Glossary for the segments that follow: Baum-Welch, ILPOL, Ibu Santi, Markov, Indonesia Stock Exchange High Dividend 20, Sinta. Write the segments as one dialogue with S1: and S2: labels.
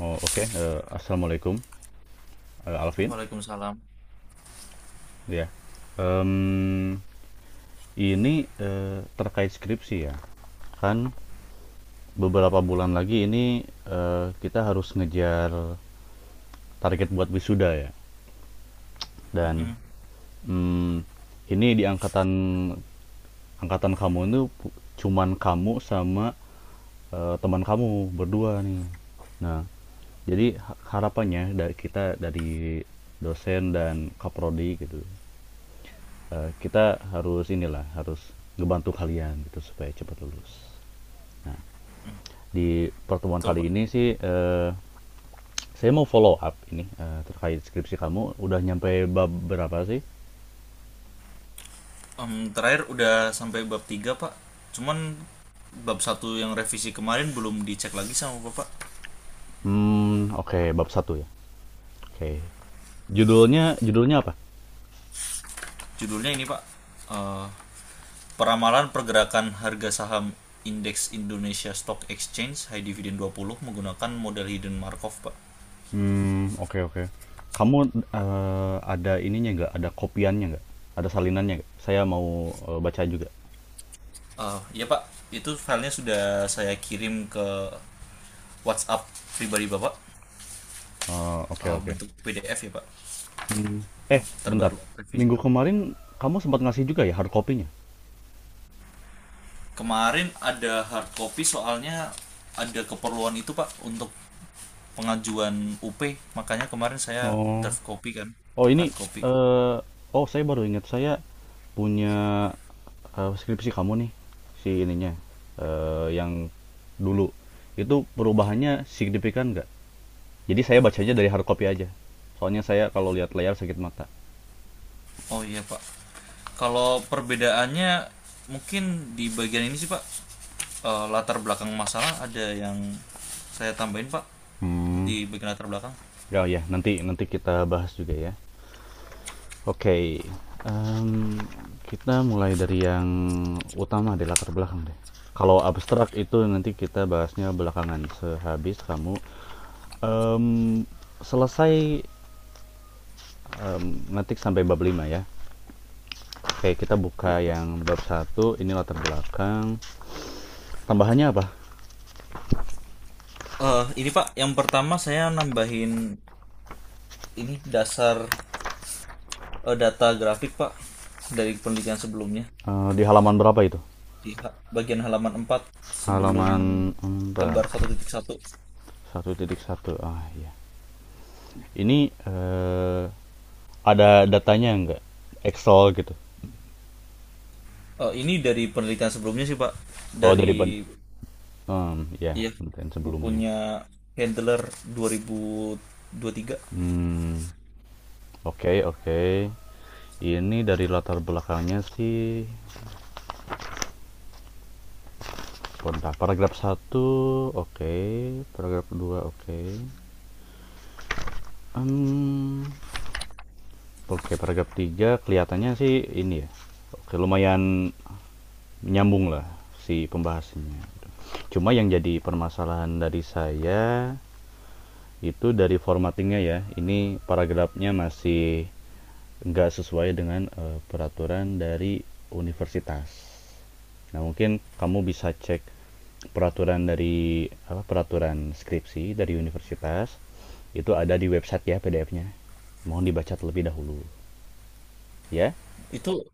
S1: Oh, oke. Assalamualaikum, Alvin.
S2: Waalaikumsalam.
S1: Ya. Em, ini terkait skripsi, ya. Kan beberapa bulan lagi ini kita harus ngejar target buat wisuda, ya. Dan
S2: Mm,
S1: mm, ini di angkatan angkatan kamu itu cuman kamu sama teman kamu berdua nih. Nah, jadi harapannya dari kita, dari dosen dan kaprodi gitu, kita harus inilah, harus ngebantu kalian gitu supaya cepat lulus. Nah, di pertemuan
S2: betul,
S1: kali ini
S2: Pak.
S1: sih, saya mau follow up ini, terkait skripsi kamu udah nyampe bab berapa sih?
S2: Terakhir udah sampai bab tiga, Pak. Cuman bab satu yang revisi kemarin belum dicek lagi sama Bapak.
S1: Oke, okay, bab satu ya? Oke. Okay. Judulnya judulnya apa?
S2: Judulnya ini, Pak. Eh, Peramalan Pergerakan Harga Saham Indeks Indonesia Stock Exchange High Dividend 20 menggunakan model hidden Markov, Pak.
S1: Oke, okay, oke. Okay. Kamu, ada ininya nggak, ada kopiannya nggak? Ada salinannya nggak? Saya mau, baca juga.
S2: Ya, Pak. Itu filenya sudah saya kirim ke WhatsApp pribadi Bapak.
S1: Oh, oke
S2: Eh,
S1: oke.
S2: bentuk PDF ya, Pak.
S1: Mmm, eh
S2: Yang
S1: Bentar,
S2: terbaru revisi.
S1: minggu kemarin kamu sempat ngasih juga ya hard copy-nya?
S2: Kemarin ada hard copy, soalnya ada keperluan itu Pak untuk pengajuan UP. Makanya kemarin saya
S1: Oh,
S2: draft copy kan,
S1: oh
S2: hard
S1: ini,
S2: copy.
S1: eh, oh, saya baru ingat saya punya skripsi kamu nih, si ininya, yang dulu. Itu perubahannya signifikan nggak? Jadi saya bacanya dari hard copy aja. Soalnya saya kalau lihat layar sakit mata.
S2: Oh, iya Pak. Kalau perbedaannya mungkin di bagian ini sih, Pak, latar belakang masalah ada yang saya tambahin Pak
S1: Hmm,
S2: di bagian latar belakang.
S1: ya ya, nanti nanti kita bahas juga ya. Oke, em, kita mulai dari yang utama deh, latar belakang deh. Kalau abstrak itu nanti kita bahasnya belakangan sehabis kamu Em, selesai em, ngetik sampai bab 5 ya. Oke, kita buka yang bab satu ini latar belakang. Tambahannya apa?
S2: Ini Pak, yang pertama saya nambahin ini dasar, data grafik Pak dari penelitian sebelumnya.
S1: Eh, di halaman berapa itu?
S2: Di bagian halaman empat, sebelum
S1: Halaman empat,
S2: gambar 1.1.
S1: satu titik satu. Ah, iya. Ini ada datanya enggak? Excel gitu.
S2: Ini dari penelitian sebelumnya sih, Pak.
S1: Oh, dari pen
S2: Dari,
S1: ya,
S2: ya,
S1: penelitian sebelumnya.
S2: bukunya Handler dua ribu dua ribu tiga.
S1: Hmm, oke, okay, oke. Okay. Ini dari latar belakangnya sih, bentar, paragraf satu oke, okay. Paragraf 2 oke. Okay. Mmm, oke, paragraf 3 kelihatannya sih ini ya, oke, lumayan nyambung lah si pembahasannya. Cuma yang jadi permasalahan dari saya itu dari formattingnya ya. Ini paragrafnya masih nggak sesuai dengan peraturan dari universitas. Nah, mungkin kamu bisa cek peraturan dari apa, peraturan skripsi dari universitas itu ada di website ya, PDF-nya. Mohon dibaca terlebih dahulu ya.
S2: Itu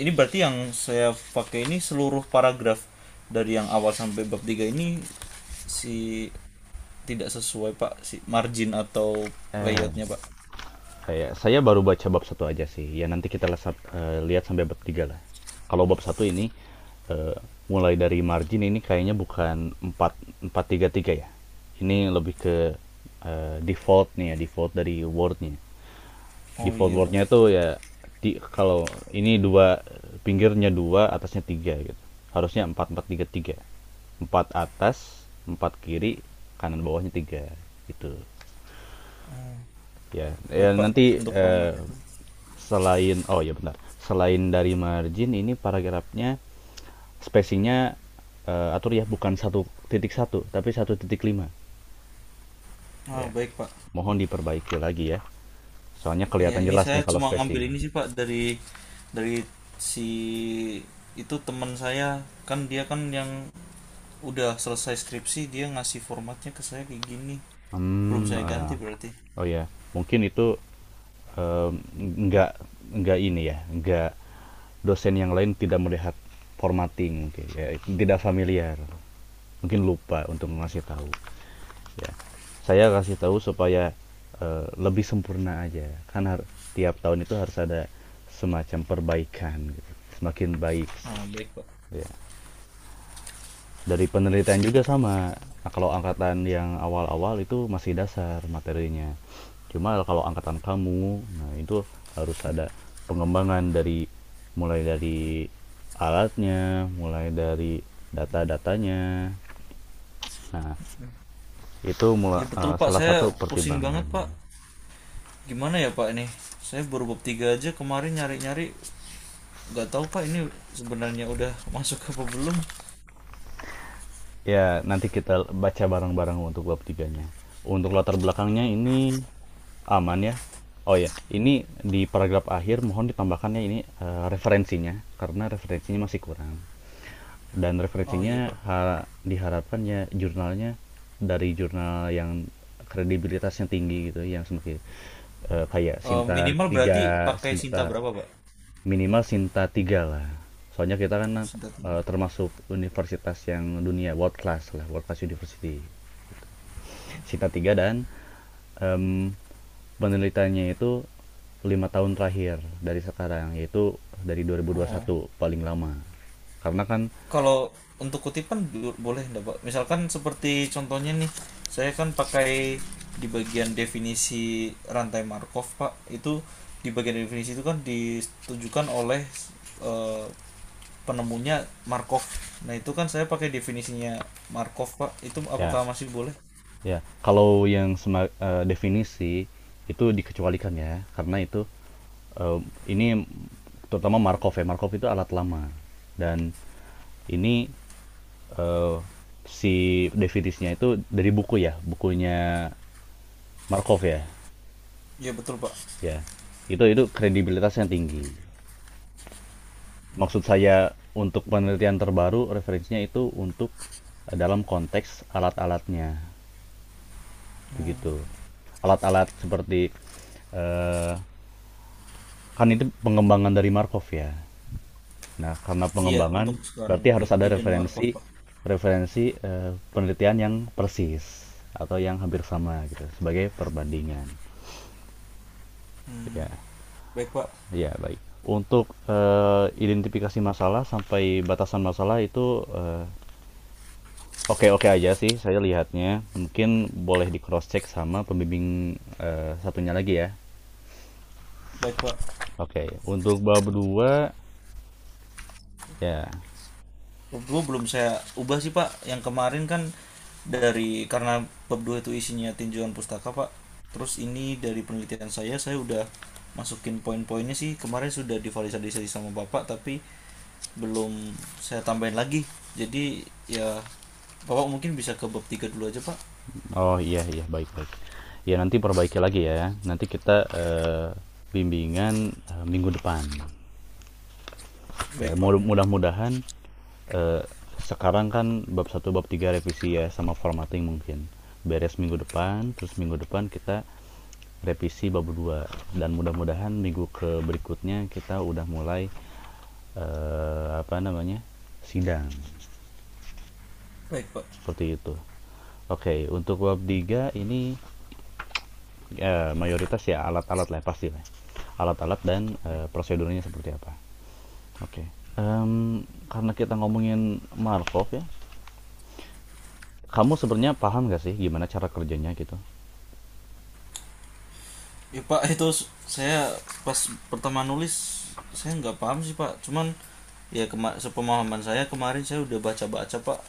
S2: ini berarti yang saya pakai ini seluruh paragraf dari yang awal sampai bab 3 ini si tidak sesuai, Pak, si margin atau
S1: Eh,
S2: layoutnya, Pak.
S1: saya baru baca bab satu aja sih. Ya nanti kita lesap, eh, lihat sampai bab tiga lah. Kalau bab satu ini eh, mulai dari margin ini kayaknya bukan empat empat tiga tiga ya. Ini lebih ke default nih ya, default dari wordnya.
S2: Oh,
S1: Default
S2: iya, Pak.
S1: wordnya itu ya di, kalau ini dua, pinggirnya dua atasnya tiga gitu. Harusnya empat empat tiga tiga. Empat atas, empat kiri, kanan bawahnya tiga gitu ya ya,
S2: Baik, Pak.
S1: nanti
S2: Untuk format itu.
S1: selain oh ya benar. Selain dari margin ini, paragrafnya spacingnya atur ya, bukan satu titik satu tapi satu titik lima.
S2: Ah,
S1: Ya.
S2: baik, Pak.
S1: Mohon diperbaiki lagi ya. Soalnya
S2: Ya,
S1: kelihatan
S2: ini
S1: jelas nih
S2: saya
S1: kalau
S2: cuma
S1: spacing.
S2: ngambil ini sih Pak dari dari si itu, teman saya kan, dia kan yang udah selesai skripsi, dia ngasih formatnya ke saya kayak gini. Belum
S1: Hmm,
S2: saya ganti berarti.
S1: oh ya, mungkin itu eh, nggak nggak ini ya, nggak, dosen yang lain tidak melihat formatting mungkin ya, tidak familiar. Mungkin lupa untuk ngasih tahu. Ya, saya kasih tahu supaya lebih sempurna aja, kan tiap tahun itu harus ada semacam perbaikan gitu. Semakin baik
S2: Ah, baik Pak.
S1: ya, dari penelitian juga sama. Nah, kalau angkatan yang awal-awal itu masih dasar materinya, cuma kalau angkatan kamu nah itu harus ada pengembangan dari, mulai dari alatnya, mulai dari data-datanya, nah itu
S2: Ya, betul Pak,
S1: salah satu
S2: saya pusing banget
S1: pertimbangan.
S2: Pak. Gimana ya Pak ini? Saya baru bab 3 aja, kemarin nyari-nyari nggak tahu Pak ini sebenarnya udah masuk apa belum.
S1: Ya, nanti kita baca bareng-bareng untuk bab tiganya. Untuk latar belakangnya ini aman ya. Oh ya, ini di paragraf akhir mohon ditambahkannya ini referensinya karena referensinya masih kurang dan
S2: Oh,
S1: referensinya
S2: iya Pak.
S1: diharapkan ya jurnalnya, dari jurnal yang kredibilitasnya tinggi gitu, yang seperti kayak
S2: Eh,
S1: Sinta
S2: minimal berarti
S1: tiga,
S2: pakai Sinta
S1: Sinta,
S2: berapa Pak?
S1: minimal Sinta tiga lah. Soalnya kita kan
S2: Sinta tiga.
S1: termasuk universitas yang dunia world class lah, world class university. Sita 3 dan em, penelitiannya itu 5 tahun terakhir dari sekarang, yaitu dari
S2: Oh,
S1: 2021 paling lama, karena kan
S2: kalau untuk kutipan boleh enggak, Pak? Misalkan seperti contohnya nih, saya kan pakai di bagian definisi rantai Markov, Pak. Itu di bagian definisi itu kan ditujukan oleh eh, penemunya Markov. Nah, itu kan saya pakai definisinya Markov, Pak. Itu apakah
S1: ya.
S2: masih boleh?
S1: Ya kalau yang definisi itu dikecualikan ya karena itu em, ini, terutama Markov ya, Markov itu alat lama dan ini eh, si definisinya itu dari buku ya, bukunya Markov ya,
S2: Ya, betul, Pak.
S1: ya itu kredibilitasnya tinggi. Maksud saya untuk penelitian terbaru referensinya itu untuk dalam konteks alat-alatnya, begitu. Alat-alat seperti eh, kan itu pengembangan dari Markov ya. Nah, karena
S2: Iya,
S1: pengembangan
S2: untuk sekarang
S1: berarti
S2: ini
S1: harus ada
S2: hidden Markov,
S1: referensi,
S2: Pak.
S1: penelitian yang persis atau yang hampir sama gitu sebagai perbandingan. Ya,
S2: Baik, Pak.
S1: ya baik. Untuk identifikasi masalah sampai batasan masalah itu oke-oke aja sih saya lihatnya. Mungkin boleh di cross check sama pembimbing satunya lagi ya.
S2: Baik, Pak.
S1: Oke, untuk bab 2 ya.
S2: Pub 2 belum saya ubah sih Pak. Yang kemarin kan dari, karena Pub 2 itu isinya tinjauan pustaka Pak. Terus ini dari penelitian saya udah masukin poin-poinnya sih. Kemarin sudah divalidasi sama Bapak, tapi belum saya tambahin lagi. Jadi ya, Bapak mungkin bisa ke bab 3 dulu aja Pak.
S1: Oh iya iya, baik-baik. Ya nanti perbaiki lagi ya. Nanti kita bimbingan minggu depan. Ya
S2: Baik Pak.
S1: mudah- mudahan eh, sekarang kan bab satu bab 3 revisi ya sama formatting mungkin. Beres minggu depan, terus minggu depan kita revisi bab 2 dan mudah-mudahan minggu ke berikutnya kita udah mulai apa namanya, sidang
S2: Baik Pak.
S1: seperti itu. Oke, untuk bab 3 ini mayoritas ya alat-alat lah pasti lah. Alat-alat dan prosedurnya seperti apa. Oke. Em, karena kita ngomongin Markov ya, kamu sebenarnya paham gak sih gimana cara kerjanya gitu?
S2: Ya Pak, itu saya pas pertama nulis saya nggak paham sih Pak. Cuman ya, sepemahaman saya kemarin, saya udah baca-baca Pak,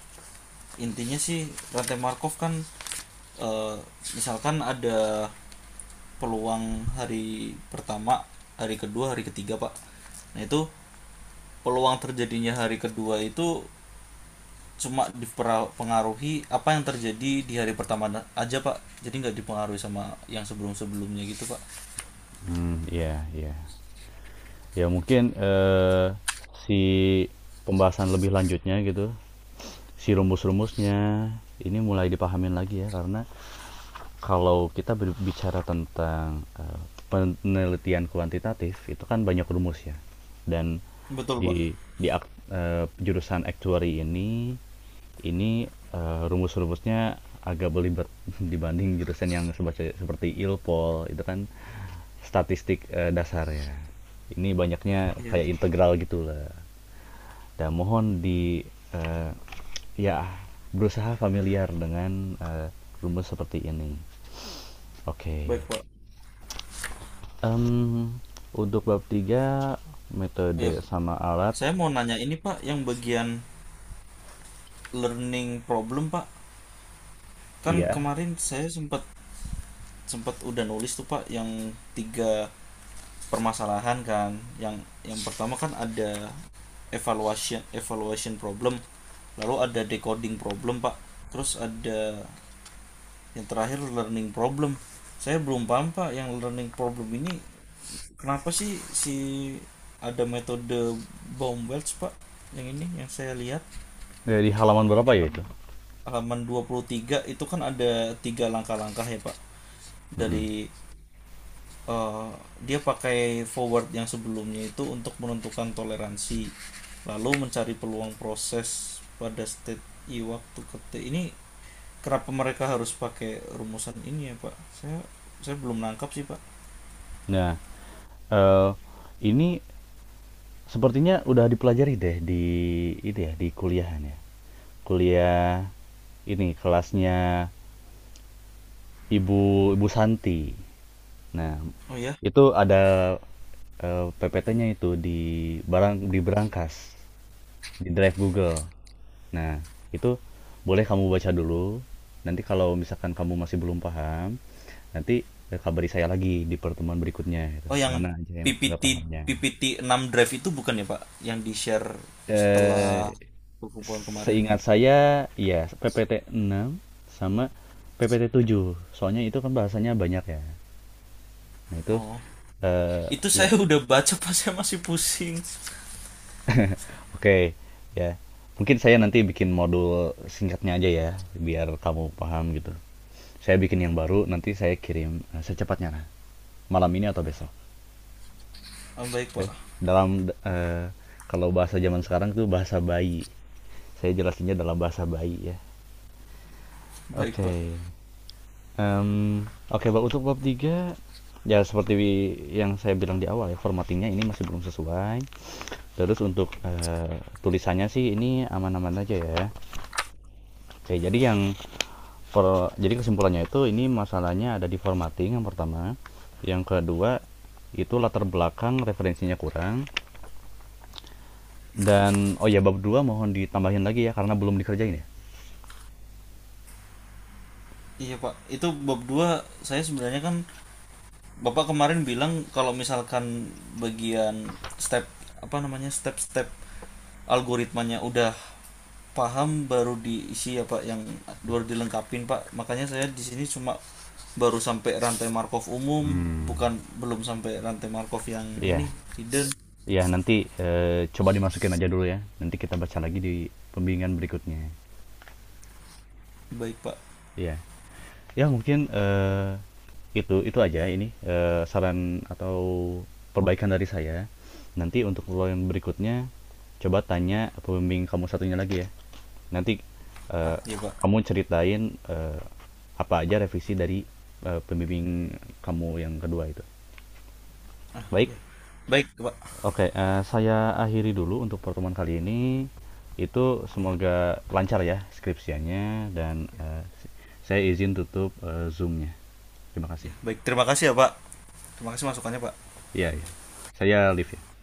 S2: intinya sih rantai Markov kan, eh, misalkan ada peluang hari pertama, hari kedua, hari ketiga, Pak. Nah, itu peluang terjadinya hari kedua itu cuma dipengaruhi apa yang terjadi di hari pertama aja, Pak. Jadi nggak dipengaruhi sama yang sebelum-sebelumnya gitu, Pak.
S1: Hmm, iya, iya. Ya mungkin si pembahasan lebih lanjutnya gitu, si rumus-rumusnya ini mulai dipahamin lagi ya karena kalau kita berbicara tentang, penelitian kuantitatif, itu kan banyak rumus ya, dan
S2: Betul, Pak.
S1: di jurusan actuary ini, rumus-rumusnya agak belibet dibanding jurusan yang sebace seperti ILPOL itu kan statistik, dasar ya. Ini banyaknya
S2: Iya.
S1: kayak integral gitulah. Dan mohon di, eee, ya berusaha familiar dengan, rumus seperti ini. Oke.
S2: Baik, Pak.
S1: Mmm, untuk bab 3
S2: Iya,
S1: metode
S2: Pak.
S1: sama alat,
S2: Saya mau nanya ini, Pak, yang bagian learning problem, Pak. Kan
S1: iya.
S2: kemarin saya sempat sempat udah nulis tuh Pak yang tiga permasalahan kan. Yang pertama kan ada evaluation evaluation problem. Lalu ada decoding problem, Pak. Terus ada yang terakhir learning problem. Saya belum paham, Pak, yang learning problem ini kenapa sih si ada metode Baum-Welch, Pak? Yang ini yang saya lihat,
S1: Dari halaman berapa
S2: yang
S1: ya itu?
S2: halaman 23 itu kan ada tiga langkah-langkah ya, Pak.
S1: Mhm.
S2: Dari, eh, dia pakai forward yang sebelumnya itu untuk menentukan toleransi, lalu mencari peluang proses pada state i waktu ke t. Ini kenapa mereka harus pakai rumusan ini ya pak, saya belum nangkap sih pak.
S1: Nah, eee, ini sepertinya udah dipelajari deh di itu ya, di kuliahan ya. Kuliah ini kelasnya Ibu Ibu Santi. Nah,
S2: Oh ya.
S1: itu ada, PPT-nya itu di barang di berangkas, di drive Google. Nah, itu boleh kamu baca dulu. Nanti kalau misalkan kamu masih belum paham, nanti, kabari saya lagi di pertemuan berikutnya gitu,
S2: Oh, yang
S1: mana aja yang nggak
S2: PPT
S1: pahamnya.
S2: PPT 6 drive itu bukan ya pak, yang di share setelah
S1: eh
S2: perkumpulan kemarin?
S1: Seingat saya iya, PPT 6 sama PPT tujuh, soalnya itu kan bahasanya banyak ya. Nah itu,
S2: Oh,
S1: eee,
S2: itu
S1: iya
S2: saya udah baca pak, saya masih pusing.
S1: oke, ya. Mungkin saya nanti bikin modul singkatnya aja ya, biar kamu paham gitu. Saya bikin yang baru, nanti saya kirim, secepatnya lah, malam ini atau besok.
S2: Ah, baik pak.
S1: Dalam kalau bahasa zaman sekarang itu bahasa bayi. Saya jelasinnya dalam bahasa bayi ya.
S2: Baik pak.
S1: Oke. Em, oke, Pak, untuk bab 3 ya seperti yang saya bilang di awal ya, formattingnya ini masih belum sesuai. Terus untuk tulisannya sih ini aman-aman aja ya. Oke, jadi yang jadi kesimpulannya itu ini masalahnya ada di formatting yang pertama. Yang kedua itu latar belakang referensinya kurang dan oh ya bab 2 mohon ditambahin lagi ya karena belum dikerjain ya.
S2: Iya pak, itu bab 2 saya sebenarnya, kan Bapak kemarin bilang kalau misalkan bagian step apa namanya step-step algoritmanya udah paham baru diisi ya Pak, yang baru dilengkapin Pak. Makanya saya di sini cuma baru sampai rantai Markov umum,
S1: Hmm,
S2: bukan, belum sampai rantai Markov yang
S1: iya,
S2: ini hidden.
S1: iya, nanti coba dimasukin aja dulu ya. Nanti kita baca lagi di pembimbingan berikutnya.
S2: Baik Pak.
S1: Iya, ya mungkin itu aja ini saran atau perbaikan dari saya. Nanti untuk lo yang berikutnya coba tanya pembimbing kamu satunya lagi ya. Nanti
S2: Ah,
S1: eh,
S2: ya Pak.
S1: kamu ceritain eh, apa aja revisi dari pembimbing kamu yang kedua itu. Baik,
S2: Baik Pak.
S1: oke, saya akhiri dulu untuk pertemuan kali ini. Itu semoga lancar ya skripsiannya dan saya izin tutup Zoom-nya. Terima kasih.
S2: Ya, baik. Terima kasih ya Pak. Terima kasih masukannya Pak.
S1: Iya, iya. Saya live ya.